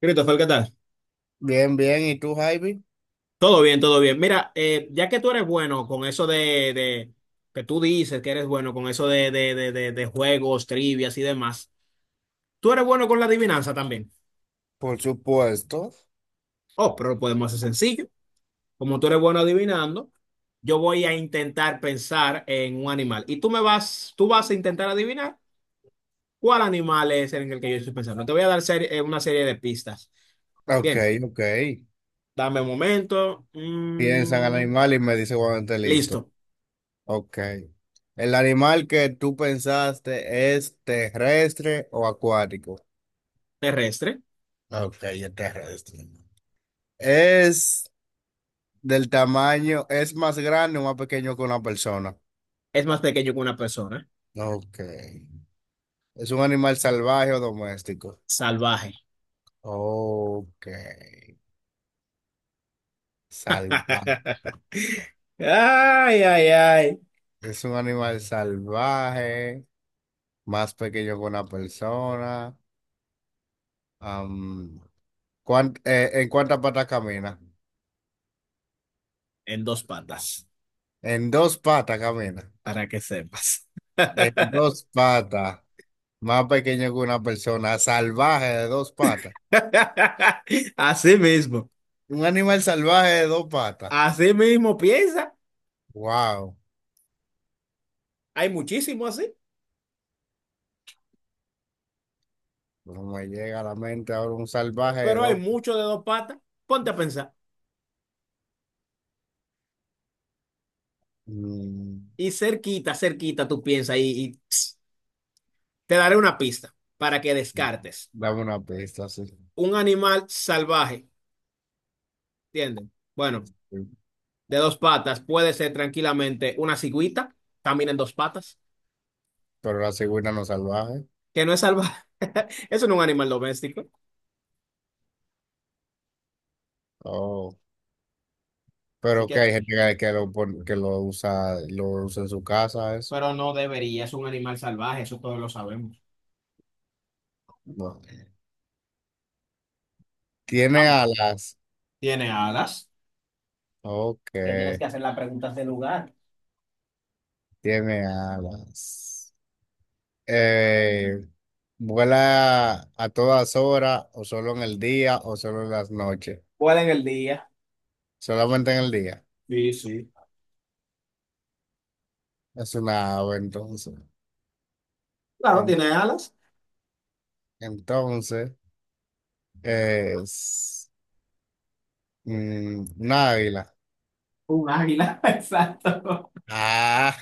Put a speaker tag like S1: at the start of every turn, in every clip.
S1: Christopher, ¿qué tal?
S2: Bien, bien. ¿Y tú, Javi?
S1: Todo bien, todo bien. Mira, ya que tú eres bueno con que tú dices que eres bueno con eso de juegos, trivias y demás, tú eres bueno con la adivinanza también.
S2: Por supuesto.
S1: Oh, pero lo podemos hacer sencillo. Como tú eres bueno adivinando, yo voy a intentar pensar en un animal. Tú vas a intentar adivinar cuál animal es en el que yo estoy pensando. Te voy a dar una serie de pistas.
S2: Ok,
S1: Bien,
S2: ok.
S1: dame un momento.
S2: Piensa en el animal y me dice cuando esté listo.
S1: Listo,
S2: Ok. ¿El animal que tú pensaste es terrestre o acuático?
S1: terrestre.
S2: Ok, es terrestre. ¿Es del tamaño, es más grande o más pequeño que una persona?
S1: Es más pequeño que una persona.
S2: Ok. ¿Es un animal salvaje o doméstico?
S1: Salvaje.
S2: Ok. Salvaje.
S1: Ay, ay, ay.
S2: Es un animal salvaje. Más pequeño que una persona. am, ¿En cuántas patas camina?
S1: En dos patas.
S2: En dos patas camina.
S1: Para que sepas.
S2: En dos patas. Más pequeño que una persona. Salvaje de dos patas.
S1: Así mismo.
S2: Un animal salvaje de dos patas.
S1: Así mismo piensa.
S2: Wow.
S1: Hay muchísimo así.
S2: No me llega a la mente ahora un salvaje de
S1: Pero hay
S2: dos patas.
S1: mucho de dos patas. Ponte a pensar.
S2: Mm,
S1: Y cerquita, cerquita tú piensas. Te daré una pista para que descartes.
S2: dame una pista, sí.
S1: Un animal salvaje. ¿Entienden? Bueno, de dos patas puede ser tranquilamente una cigüita. Camina en dos patas.
S2: Pero la cigüeña no es salvaje.
S1: Que no es salvaje. Eso no es un animal doméstico.
S2: Oh.
S1: Así
S2: Pero que
S1: que,
S2: hay gente que lo, que lo usa en su casa, eso.
S1: pero no debería, es un animal salvaje, eso todos lo sabemos.
S2: No. Tiene
S1: Am-
S2: alas.
S1: Tiene alas.
S2: Ok,
S1: Que tienes que hacer las preguntas de lugar.
S2: tiene alas. Eh, vuela a todas horas, o solo en el día, o solo en las noches.
S1: Vuela en el día.
S2: Solamente en el día.
S1: Sí, sí.
S2: Es una ave, entonces.
S1: Claro,
S2: En-
S1: tiene alas.
S2: entonces, es una águila.
S1: Un águila, exacto.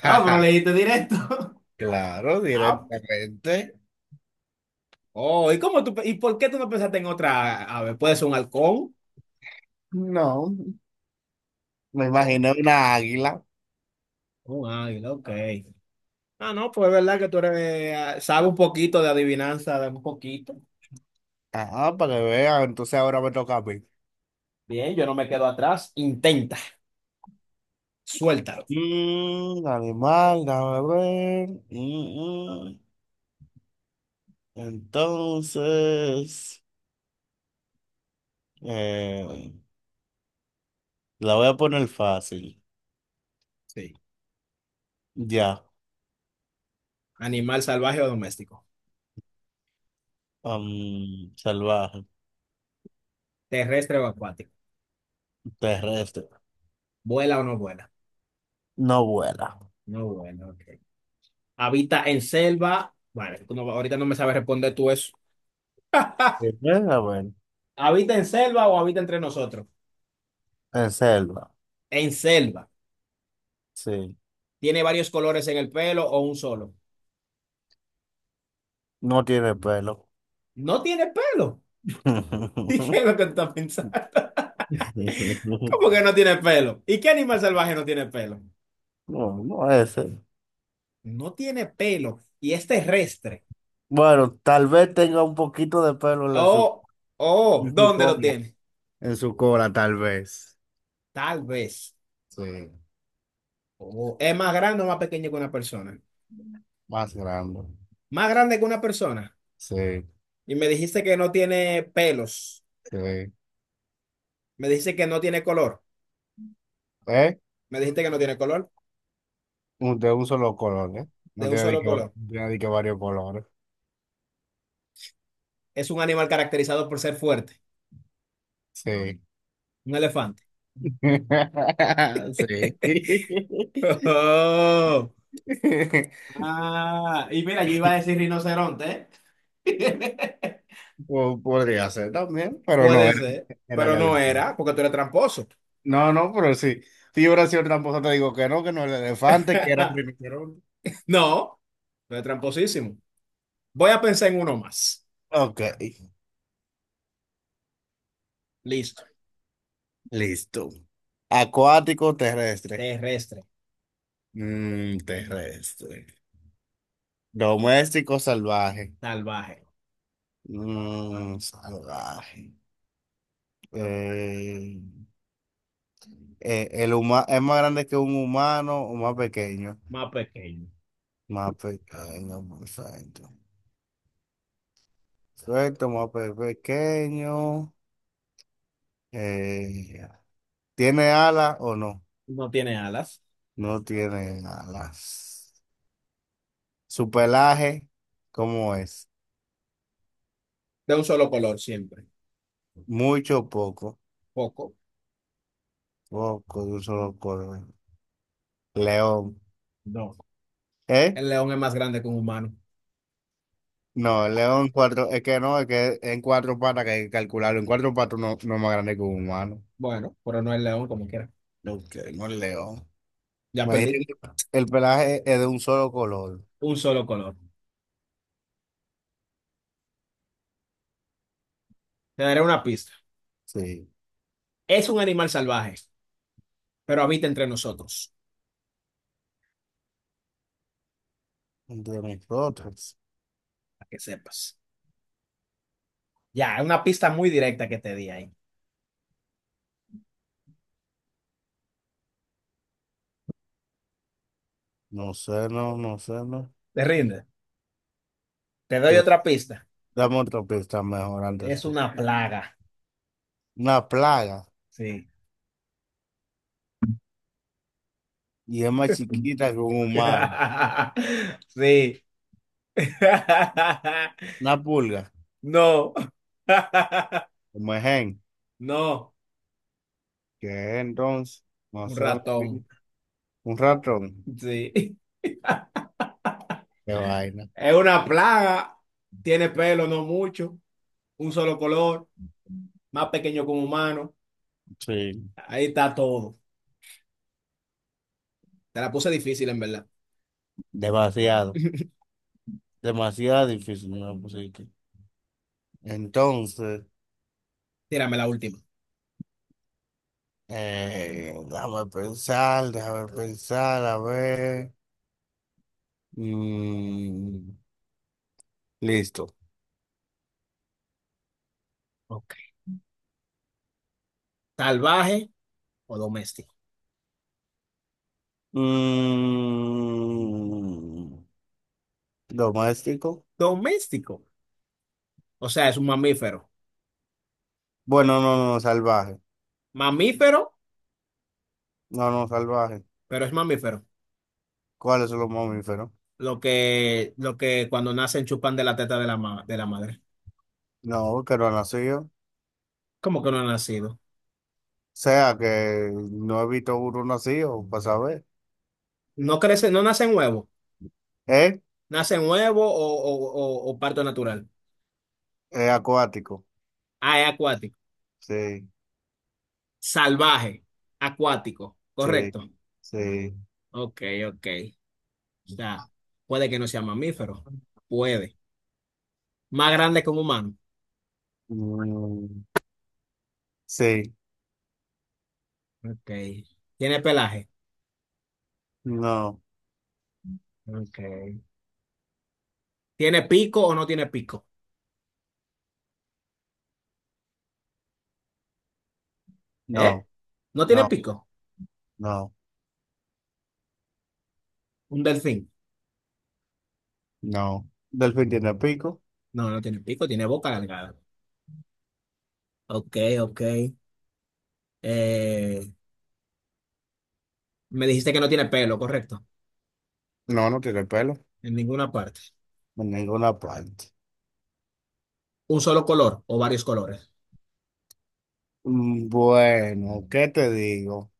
S1: Ah, pero leíste directo.
S2: claro,
S1: Ah,
S2: directamente.
S1: oh, ¿y por qué tú no pensaste en otra ave? ¿Puede ser un halcón?
S2: No, me
S1: Oh,
S2: imaginé una águila.
S1: un águila, ok. Ah, no, pues es verdad que tú eres, sabes un poquito de adivinanza, de un poquito.
S2: Ajá, para que vean. Entonces ahora me toca a mí.
S1: Bien, yo no me quedo atrás. Intenta. Suéltalo.
S2: Mm, animal, déjame ver. Mm, mm. Entonces, eh, la voy a poner fácil.
S1: Sí.
S2: Ya,
S1: Animal salvaje o doméstico.
S2: salvaje,
S1: Terrestre o acuático.
S2: terrestre.
S1: ¿Vuela o no vuela?
S2: No vuela.
S1: No vuela, ok. Habita en selva. Bueno, tú no- ahorita no me sabes responder tú eso.
S2: Primero, a ver,
S1: ¿Habita en selva o habita entre nosotros?
S2: en selva,
S1: En selva.
S2: sí.
S1: ¿Tiene varios colores en el pelo o un solo?
S2: No tiene pelo.
S1: No tiene pelo. ¿Y qué es lo que tú estás pensando? ¿Cómo que no tiene pelo? ¿Y qué animal salvaje no tiene pelo?
S2: No, no ese.
S1: No tiene pelo y es terrestre.
S2: Bueno, tal vez tenga un poquito de pelo
S1: Oh, oh,
S2: en su
S1: ¿dónde lo
S2: cola.
S1: tiene?
S2: En su cola, tal vez.
S1: Tal vez.
S2: Sí,
S1: Oh, ¿es más grande o más pequeño que una persona?
S2: más grande.
S1: Más grande que una persona.
S2: Sí,
S1: Y me dijiste que no tiene pelos.
S2: sí.
S1: Me dijiste que no tiene color.
S2: ¿Eh?
S1: Me dijiste que no tiene color.
S2: De un solo color, ¿eh? No
S1: De un
S2: tiene de
S1: solo
S2: que, no
S1: color.
S2: tiene de que varios colores.
S1: Es un animal caracterizado por ser fuerte.
S2: Sí.
S1: Un elefante.
S2: Sí.
S1: Oh. Ah, y mira, yo iba a decir rinoceronte, ¿eh?
S2: Podría ser también, pero no,
S1: Puede
S2: era,
S1: ser,
S2: era el
S1: pero no era,
S2: elefante.
S1: porque tú eres tramposo.
S2: No, no, pero sí. Si yo hubiera sido tramposo, te digo que no el elefante, que era primero.
S1: No, tú eres tramposísimo. Voy a pensar en uno más.
S2: Ok,
S1: Listo.
S2: listo. Acuático, terrestre.
S1: Terrestre,
S2: Mm, terrestre. Doméstico, salvaje.
S1: salvaje,
S2: Mm, salvaje. Eh, es más grande que un humano o más pequeño.
S1: más pequeño.
S2: Más pequeño, por santo. Suelto, pequeño. Eh, ¿Tiene alas o no?
S1: No tiene alas.
S2: No tiene alas. Su pelaje, ¿cómo es?
S1: De un solo color siempre.
S2: Mucho o poco.
S1: Poco.
S2: Poco, de un solo color. León.
S1: No.
S2: ¿Eh?
S1: El león es más grande que un humano.
S2: No, el león cuatro, es que no, es que en cuatro patas que hay que calcularlo. En cuatro patas no, no es más grande que un humano.
S1: Bueno, pero no el león como quiera.
S2: No, que no es león.
S1: Ya perdí.
S2: Imagínate que el pelaje es de un solo color.
S1: Un solo color. Te daré una pista.
S2: Sí.
S1: Es un animal salvaje, pero habita entre nosotros,
S2: De nosotros.
S1: para que sepas. Ya, es una pista muy directa que te di ahí.
S2: No sé, no, no sé, no.
S1: ¿Te rinde? Te
S2: Sí.
S1: doy otra pista.
S2: Dame otra pista mejor antes.
S1: Es una plaga.
S2: Una plaga.
S1: Sí.
S2: Y es más chiquita que un humano.
S1: Sí.
S2: Una pulga.
S1: No.
S2: Como es gen.
S1: No.
S2: ¿Qué es entonces? No
S1: Un
S2: sé.
S1: ratón.
S2: Un ratón.
S1: Sí.
S2: Qué vaina.
S1: Es una plaga, tiene pelo, no mucho, un solo color, más pequeño que un humano.
S2: Sí.
S1: Ahí está todo. Te la puse difícil, en verdad.
S2: Demasiado. Demasiado difícil me lo pusiste. Entonces,
S1: Tírame la última.
S2: déjame pensar, a ver. Mm, listo.
S1: Ok. ¿Salvaje o doméstico?
S2: Mm, doméstico.
S1: Doméstico. O sea, es un mamífero.
S2: Bueno, no, no, salvaje.
S1: Mamífero,
S2: No, no, salvaje.
S1: pero es mamífero.
S2: ¿Cuáles son los mamíferos?
S1: Lo que, cuando nacen chupan de la teta de la, de la madre.
S2: No, que no han nacido.
S1: ¿Cómo que no ha nacido?
S2: Sea que no he visto uno nacido, para saber.
S1: No crece, no nace en huevo.
S2: ¿Eh?
S1: Nace en huevo o parto natural.
S2: Es acuático.
S1: Ah, es acuático.
S2: Sí,
S1: Salvaje, acuático,
S2: sí,
S1: correcto.
S2: sí.
S1: Ok, ok. O sea, puede que no sea mamífero. Puede. Más grande que un humano.
S2: Mm, sí,
S1: Ok. ¿Tiene pelaje?
S2: no,
S1: Ok. ¿Tiene pico o no tiene pico? ¿Eh?
S2: no,
S1: ¿No tiene
S2: no,
S1: pico?
S2: no,
S1: Un delfín.
S2: no. ¿Delfín tiene pico?
S1: No, no tiene pico, tiene boca alargada. Ok, ok. Eh, me dijiste que no tiene pelo, correcto.
S2: No, no tiene pelo.
S1: En ninguna parte.
S2: En ninguna parte.
S1: ¿Un solo color o varios colores?
S2: Mm, bueno, ¿qué te digo?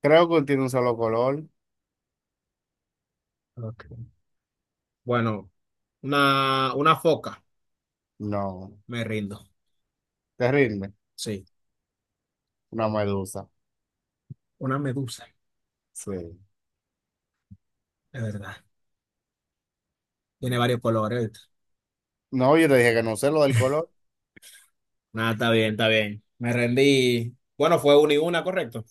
S2: Creo que tiene un solo color.
S1: Ok. Bueno, una foca.
S2: No,
S1: Me rindo.
S2: te rinde.
S1: Sí.
S2: Una medusa.
S1: Una medusa.
S2: Sí.
S1: Es verdad. Tiene varios colores. ¿Viste?
S2: No, yo te dije que no sé lo del color.
S1: Nada, está bien, está bien. Me rendí. Bueno, fue una y una, correcto.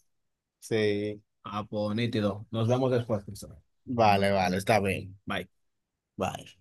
S2: Sí.
S1: Ah, pues nítido. Nos vemos después, Cristóbal.
S2: Vale, vale, está bien.
S1: Bye.
S2: Bye.